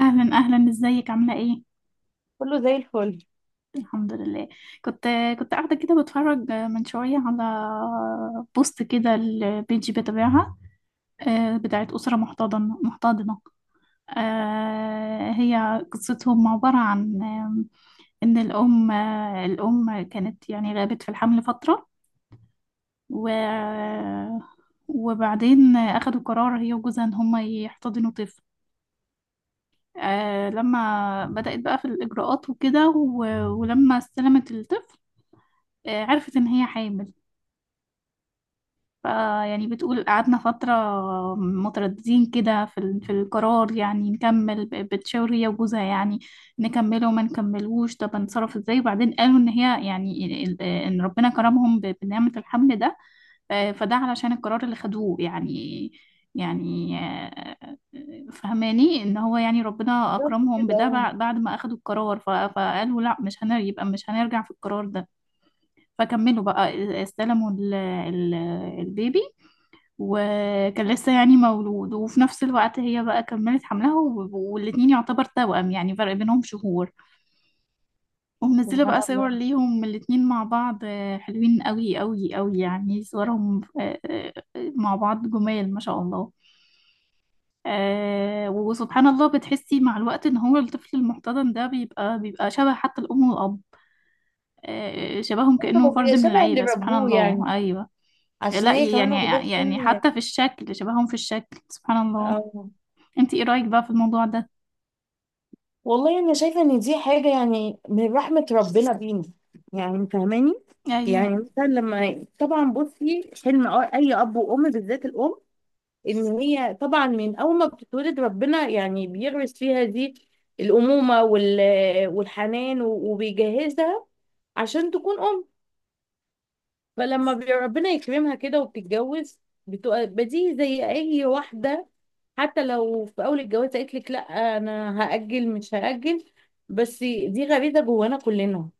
اهلا اهلا، ازيك؟ عامله ايه؟ كله زي الفل. الحمد لله. كنت كنت قاعده كده بتفرج من شويه على بوست كده، البيج بتابعها. بتاعت اسره محتضنه محتضنه. هي قصتهم عباره عن ان الام الام كانت يعني غابت في الحمل فتره. و وبعدين اخدوا قرار هي وجوزها ان هما يحتضنوا طفل. آه، لما بدأت بقى في الإجراءات وكده ولما استلمت الطفل، عرفت ان هي حامل. فيعني بتقول قعدنا فترة مترددين كده في القرار، يعني نكمل بتشاور هي وجوزها، يعني نكمله ما نكملوش، طب هنتصرف ازاي. وبعدين قالوا ان هي يعني ان ربنا كرمهم بنعمة الحمل ده. آه، فده علشان القرار اللي خدوه يعني. يعني آه، فهماني ان هو يعني ربنا بالظبط اكرمهم كده، بده اه. بعد ما اخدوا القرار، فقالوا لا، مش هنر يبقى مش هنرجع في القرار ده. فكملوا بقى، استلموا البيبي. وكان لسه يعني مولود، وفي نفس الوقت هي بقى كملت حملها، والاتنين يعتبر توأم، يعني فرق بينهم شهور. ومنزلة سبحان بقى صور الله. ليهم الاتنين مع بعض. حلوين قوي قوي قوي يعني صورهم مع بعض، جمال ما شاء الله. آه وسبحان الله، بتحسي مع الوقت ان هو الطفل المحتضن ده بيبقى شبه حتى الام والاب. آه، شبههم كأنه هو فرد بيبقى من شبه اللي العيلة، سبحان ربوه يعني، الله، ايوه. عشان لا هي كمان يعني، واخدة يعني سن. حتى في الشكل شبههم في الشكل، سبحان الله. أو انت ايه رأيك بقى في الموضوع ده؟ والله أنا شايفة إن دي حاجة يعني من رحمة ربنا بينا، يعني فاهماني؟ ايوه، يعني مثلا لما طبعا بصي حلم أي أب وأم بالذات الأم، إن هي طبعا من أول ما بتتولد ربنا يعني بيغرس فيها دي الأمومة والحنان وبيجهزها عشان تكون أم. فلما ربنا يكرمها كده وبتتجوز، بتبقى بديهي زي اي واحده. حتى لو في اول الجواز قالت لك لا، انا هاجل مش هاجل، بس دي غريزه جوانا كلنا.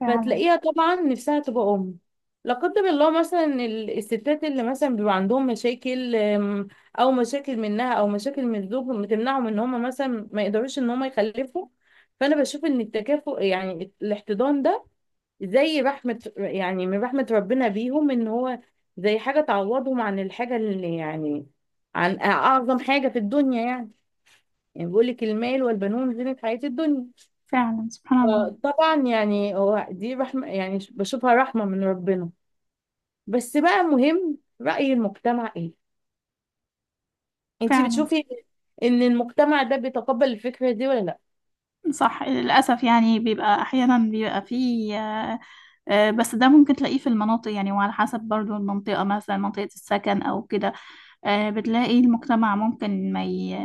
فعلا. فتلاقيها طبعا نفسها تبقى ام. لا قدر الله، مثلا الستات اللي مثلا بيبقى عندهم مشاكل، او مشاكل منها او مشاكل من الزوج، بتمنعهم ان هم مثلا ما يقدروش ان هم يخلفوا. فانا بشوف ان التكافؤ يعني الاحتضان ده زي رحمة، يعني من رحمة ربنا بيهم، ان هو زي حاجة تعوضهم عن الحاجة اللي يعني عن اعظم حاجة في الدنيا يعني. يعني بيقول لك المال والبنون زينة حياة الدنيا. فعلا سبحان الله. طبعا يعني هو دي رحمة، يعني بشوفها رحمة من ربنا. بس بقى مهم رأي المجتمع ايه؟ انتي فعلا بتشوفي ان المجتمع ده بيتقبل الفكرة دي ولا لا؟ صح، للأسف يعني بيبقى أحيانا بيبقى فيه بس ده ممكن تلاقيه في المناطق، يعني وعلى حسب برضو المنطقة، مثلا منطقة السكن أو كده. بتلاقي المجتمع ممكن ما ي...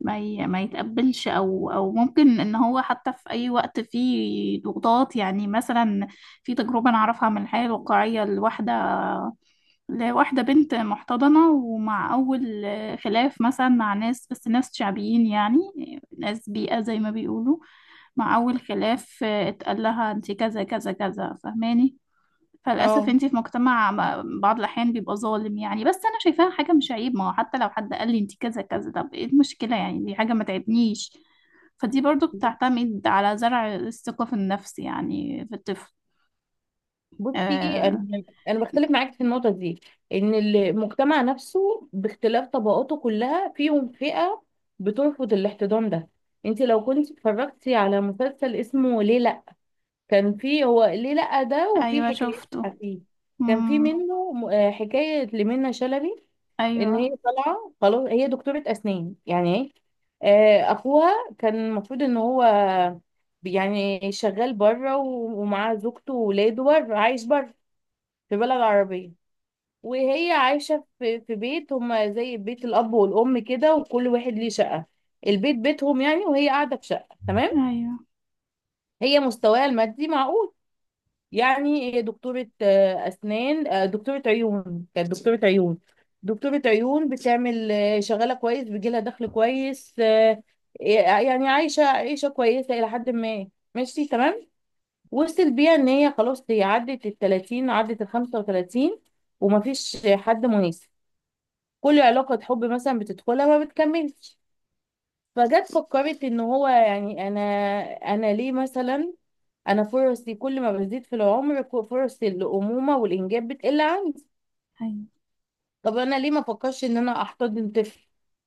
ما ي... ما يتقبلش، او ممكن ان هو حتى في اي وقت فيه ضغوطات، يعني مثلا في تجربه انا اعرفها من الحياه الواقعيه لواحده بنت محتضنه، ومع اول خلاف مثلا مع ناس، بس ناس شعبيين يعني، ناس بيئه زي ما بيقولوا، مع اول خلاف اتقال لها انت كذا كذا كذا، فاهماني. فللأسف اه. انتي في مجتمع بعض الأحيان بيبقى ظالم يعني، بس أنا شايفاها حاجة مش عيب. ما هو حتى لو حد قال لي انتي كذا كذا، طب ايه المشكلة يعني؟ دي حاجة ما تعبنيش. فدي برضو بتعتمد على زرع الثقة في النفس، يعني في الطفل. بصي، آه. انا بختلف معاك في النقطه دي، ان المجتمع نفسه باختلاف طبقاته كلها فيهم فئه بترفض الاحتضان ده. انت لو كنت اتفرجتي على مسلسل اسمه ليه لا، كان فيه هو ليه لا ده، وفي أيوة حكايات شفته. فيه. كان في مم. منه حكايه لمنى شلبي، ان هي أيوة. طالعه خلاص هي دكتوره اسنان يعني، ايه اخوها. كان المفروض ان هو يعني شغال بره ومعاه زوجته وولاده بره، عايش بره في بلد عربية. وهي عايشة في بيت، هما زي بيت الأب والأم كده وكل واحد ليه شقة، البيت بيتهم يعني، وهي قاعدة في شقة تمام. أيوة. هي مستواها المادي معقول، يعني هي دكتورة آه، أسنان آه، دكتورة عيون، كانت دكتورة عيون. دكتورة عيون بتعمل، شغالة كويس، بيجيلها دخل كويس، آه، يعني عايشة عيشة كويسة إلى حد ما، ماشي تمام. وصل بيها إن هي خلاص هي عدت التلاتين، عدت الخمسة وتلاتين، ومفيش حد مناسب. كل علاقة حب مثلا بتدخلها ما بتكملش. فجت فكرت ان هو يعني انا ليه مثلا؟ انا فرصي كل ما بزيد في العمر فرص الامومه والانجاب بتقل عندي. أيوة. طب انا ليه ما فكرش ان انا احتضن طفل؟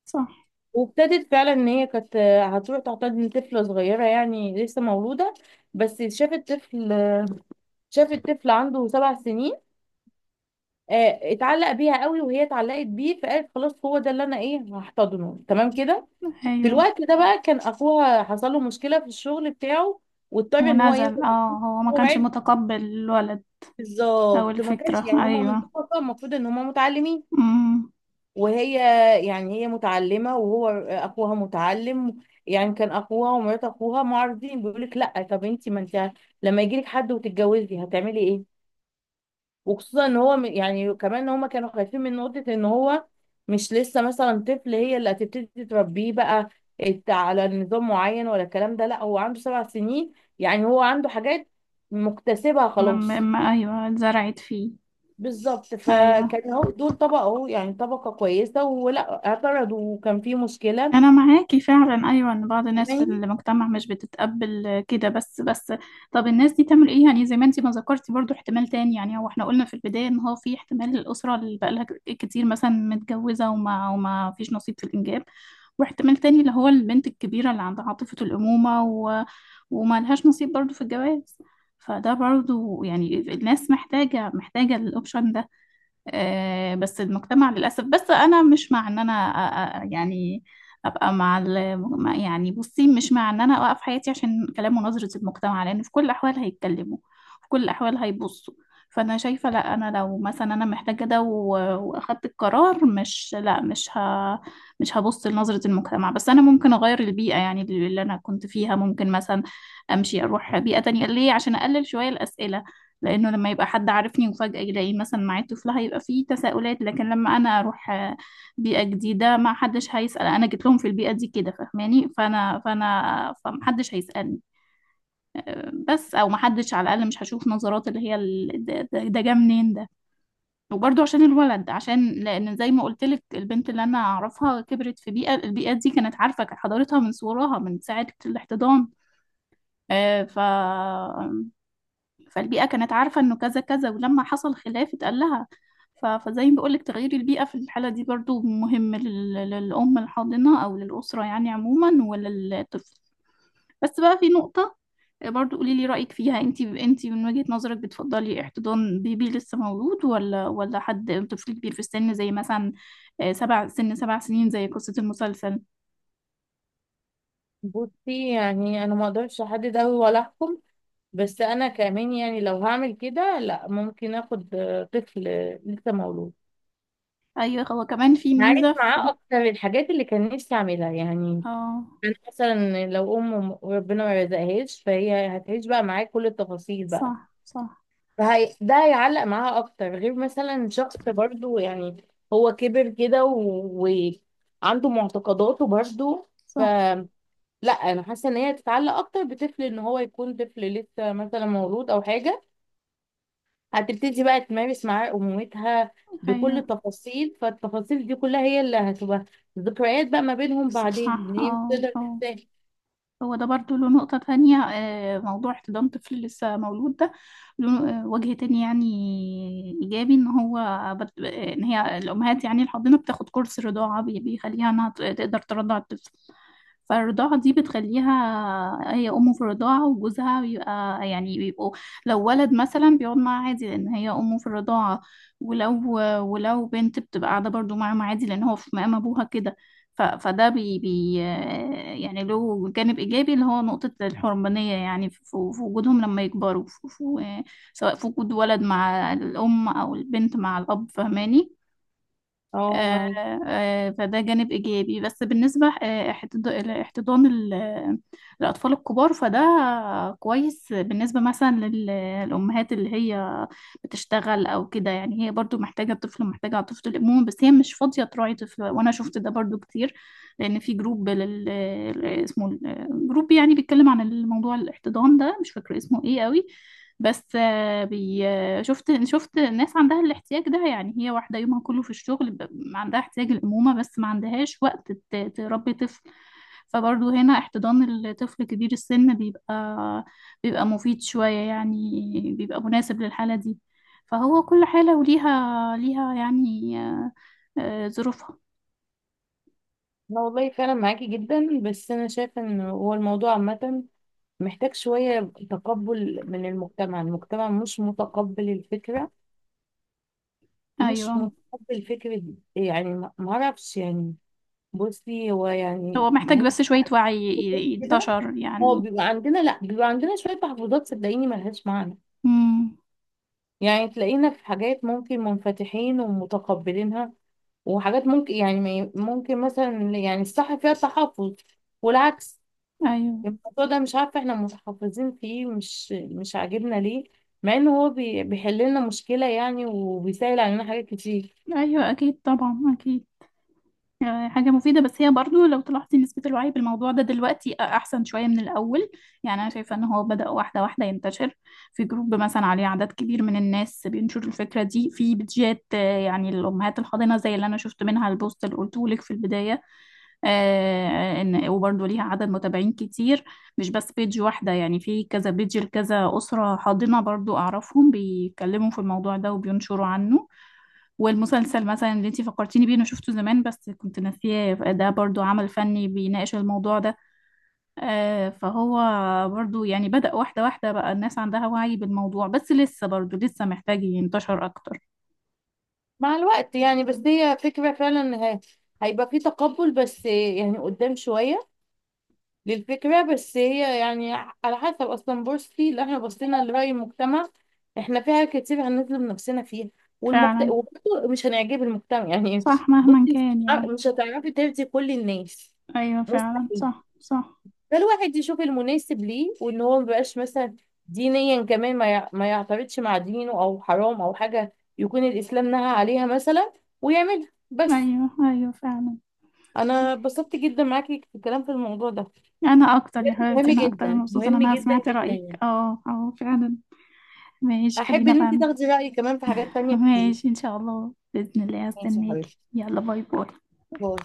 صح. وابتدت فعلا ان هي كانت هتروح تحتضن طفله صغيره، يعني لسه مولوده، بس شافت طفل، شافت طفل عنده سبع سنين. اتعلق بيها قوي وهي اتعلقت بيه، فقالت خلاص هو ده اللي انا ايه هحتضنه، تمام كده. في أيوة، الوقت ده بقى كان اخوها حصل له مشكله في الشغل بتاعه، واضطر ان هو ونزل. ينزل. اه، هو ما كانش موعد. متقبل الولد أو بالظبط ما كانش، الفكرة. يعني هما من أيوة. طبقه المفروض ان هما متعلمين، مم. وهي يعني هي متعلمه وهو اخوها متعلم. يعني كان اخوها ومرات اخوها معارضين، بيقول لك لا طب انت، ما انت لما يجي لك حد وتتجوزي هتعملي ايه؟ وخصوصا ان هو يعني كمان ان هما كانوا خايفين من نقطة ان هو مش لسه مثلا طفل هي اللي هتبتدي تربيه بقى على نظام معين، ولا الكلام ده لا هو عنده سبع سنين، يعني هو عنده حاجات مكتسبها م- خلاص. أيوة، اتزرعت فيه. بالظبط، أيوة. فكان هو دول طبقة اهو يعني طبقة كويسة، ولا اعترضوا، وكان في مشكلة. أنا معاكي فعلا، أيوة، إن بعض الناس في فاهماني؟ المجتمع مش بتتقبل كده، بس. طب الناس دي تعمل إيه؟ يعني زي ما أنتي ما ذكرتي برضو احتمال تاني، يعني هو إحنا قلنا في البداية إن هو في احتمال الأسرة اللي بقالها كتير مثلا متجوزة وما فيش نصيب في الإنجاب، واحتمال تاني اللي هو البنت الكبيرة اللي عندها عاطفة الأمومة وما لهاش نصيب برضو في الجواز. فده برضو يعني الناس محتاجة الأوبشن ده. آه، بس المجتمع للأسف، بس أنا مش مع إن أنا يعني أبقى مع يعني بصي، مش مع إن أنا أوقف حياتي عشان كلام ونظرة المجتمع، لأن في كل الأحوال هيتكلموا، في كل الأحوال هيبصوا. فأنا شايفة لأ، أنا لو مثلا أنا محتاجة ده وأخدت القرار، مش لأ مش ه مش هبص لنظرة المجتمع. بس أنا ممكن أغير البيئة، يعني اللي أنا كنت فيها، ممكن مثلا أمشي أروح بيئة تانية. ليه؟ عشان أقلل شوية الأسئلة، لانه لما يبقى حد عارفني وفجأة يلاقي مثلا معاه طفل هيبقى فيه تساؤلات. لكن لما انا اروح بيئة جديدة، ما حدش هيسأل. انا جيت لهم في البيئة دي كده، فاهماني. فانا فانا فمحدش هيسألني بس، او محدش على الاقل. مش هشوف نظرات اللي هي ده جه منين ده. وبرضه عشان الولد، عشان لان زي ما قلت لك البنت اللي انا اعرفها كبرت في بيئه، البيئه دي كانت عارفه حضارتها من صغرها من ساعه الاحتضان. آه، ف فالبيئة كانت عارفة انه كذا كذا، ولما حصل خلاف اتقال لها. فزي ما بقولك، تغيير البيئة في الحالة دي برضو مهم للأم الحاضنة أو للأسرة يعني عموما وللطفل. بس بقى في نقطة برضو قولي لي رأيك فيها انتي. انتي من وجهة نظرك بتفضلي احتضان بيبي لسه مولود، ولا حد طفل كبير في السن، زي مثلا 7 سنين زي قصة المسلسل؟ بصي يعني انا ما اقدرش احدد قوي ولا احكم، بس انا كمان يعني لو هعمل كده، لا، ممكن اخد طفل لسه مولود، ايوه، هو كمان في ميزة هعيش في. معاه اكتر الحاجات اللي كان نفسي اعملها يعني. اه انا مثلا لو ام ربنا ما رزقهاش، فهي هتعيش بقى معاه كل التفاصيل بقى. صح، صح فهي ده هيعلق معاها اكتر غير مثلا شخص برضو، يعني هو كبر كده وعنده معتقداته برضو. ف صح. لا، انا حاسه ان هي تتعلق اكتر بطفل، ان هو يكون طفل لسه مثلا مولود او حاجه، هتبتدي بقى تمارس معاه أمومتها ايوه بكل التفاصيل. فالتفاصيل دي كلها هي اللي هتبقى ذكريات بقى ما بينهم صح. بعدين، إن هي مش اه تقدر اه، تنساها. هو ده برضو له نقطة تانية. موضوع احتضان طفل لسه مولود ده له وجه تاني يعني إيجابي، إن هو إن هي الأمهات يعني الحاضنة بتاخد كورس رضاعة بيخليها إنها تقدر ترضع الطفل. فالرضاعة دي بتخليها هي أمه في الرضاعة، وجوزها بيبقى يعني بيبقوا، لو ولد مثلا بيقعد معاه عادي لأن هي أمه في الرضاعة. ولو ولو بنت بتبقى قاعدة برضو معاهم عادي لأن هو في مقام أبوها كده. ف- فده بي بي يعني له جانب إيجابي، اللي هو نقطة الحرمانية، يعني في وجودهم لما يكبروا، في في سواء في وجود ولد مع الأم أو البنت مع الأب، فهماني. اه، آه، معاكي. فده جانب إيجابي. بس بالنسبة الاحتضان الأطفال الكبار، فده كويس بالنسبة مثلا للأمهات اللي هي بتشتغل أو كده، يعني هي برضو محتاجة طفل، محتاجة طفل الأمومة، بس هي مش فاضية تراعي طفل. وأنا شفت ده برضو كتير، لأن في جروب اسمه جروب يعني بيتكلم عن الموضوع، الاحتضان ده، مش فاكرة اسمه إيه قوي، بس آه، بي آه، شفت ناس عندها الاحتياج ده. يعني هي واحدة يومها كله في الشغل عندها احتياج الأمومة، بس ما عندهاش وقت تربي طفل. فبرضه هنا احتضان الطفل كبير السن بيبقى مفيد شوية، يعني بيبقى مناسب للحالة دي. فهو كل حالة ليها يعني ظروفها. انا والله فعلا معاكي جدا، بس انا شايفه ان هو الموضوع عامه محتاج شويه تقبل من المجتمع. المجتمع مش متقبل الفكره، مش أيوة. متقبل فكره. يعني ما اعرفش يعني، بصي هو يعني هو محتاج احنا بس شوية وعي كده، ينتشر هو يعني. بيبقى عندنا، لا بيبقى عندنا شويه تحفظات صدقيني ملهاش معنى. امم يعني تلاقينا في حاجات ممكن منفتحين ومتقبلينها، وحاجات ممكن يعني ما ي- ممكن مثلا يعني الصح فيها تحفظ، والعكس. أيوة. الموضوع ده مش عارفة احنا متحفظين فيه، مش عاجبنا ليه، مع انه هو بيحل لنا مشكلة يعني، وبيسهل علينا حاجات كتير. أيوة أكيد، طبعا أكيد. حاجة مفيدة، بس هي برضو لو تلاحظي نسبة الوعي بالموضوع ده دلوقتي أحسن شوية من الأول. يعني أنا شايفة إن هو بدأ واحدة واحدة ينتشر، في جروب مثلا عليه عدد كبير من الناس بينشر الفكرة دي، في بيدجات يعني الأمهات الحاضنة زي اللي أنا شفت منها البوست اللي قلته لك في البداية. إن وبرضو ليها عدد متابعين كتير، مش بس بيدج واحدة يعني، في كذا بيدج لكذا أسرة حاضنة برضو أعرفهم بيتكلموا في الموضوع ده وبينشروا عنه. والمسلسل مثلا اللي انتي فكرتيني بيه، انا شفته زمان بس كنت ناسياه، ده برضو عمل فني بيناقش الموضوع ده. فهو برضو يعني بدأ واحدة واحدة بقى الناس عندها وعي بالموضوع، بس لسه برضو لسه محتاج ينتشر اكتر. مع الوقت يعني، بس هي فكرة فعلا هيبقى فيه تقبل، بس يعني قدام شوية للفكرة. بس هي يعني على حسب، أصلا بورصتي اللي احنا بصينا لرأي المجتمع احنا فيها كتير هنظلم نفسنا فيها، والمجتمع فعلا، وبرضه مش هنعجب المجتمع يعني. صح، بصي مهما مش كان يعني. مش هتعرفي ترضي كل الناس، ايوه فعلا، مستحيل. صح صح. فالواحد يشوف المناسب ليه، وان هو مبقاش مثلا دينيا كمان ما يعترضش مع دينه، او حرام او حاجة يكون الإسلام نهى عليها مثلا ويعملها، بس. ايوه ايوه فعلا. انا اتبسطت جدا معاكي في الكلام في الموضوع ده، انا اكتر يا حبيبتي، مهم انا اكتر جدا مبسوطة ان مهم انا جدا سمعت جدا رأيك. يعني. اه اه، فعلا. ماشي، احب خلينا ان انت بقى. تاخدي رايي كمان في حاجات تانية كتير. ماشي ان شاء الله، بإذن الله ماشي يا هستناكي. حبيبتي، يلا، باي باي. باي.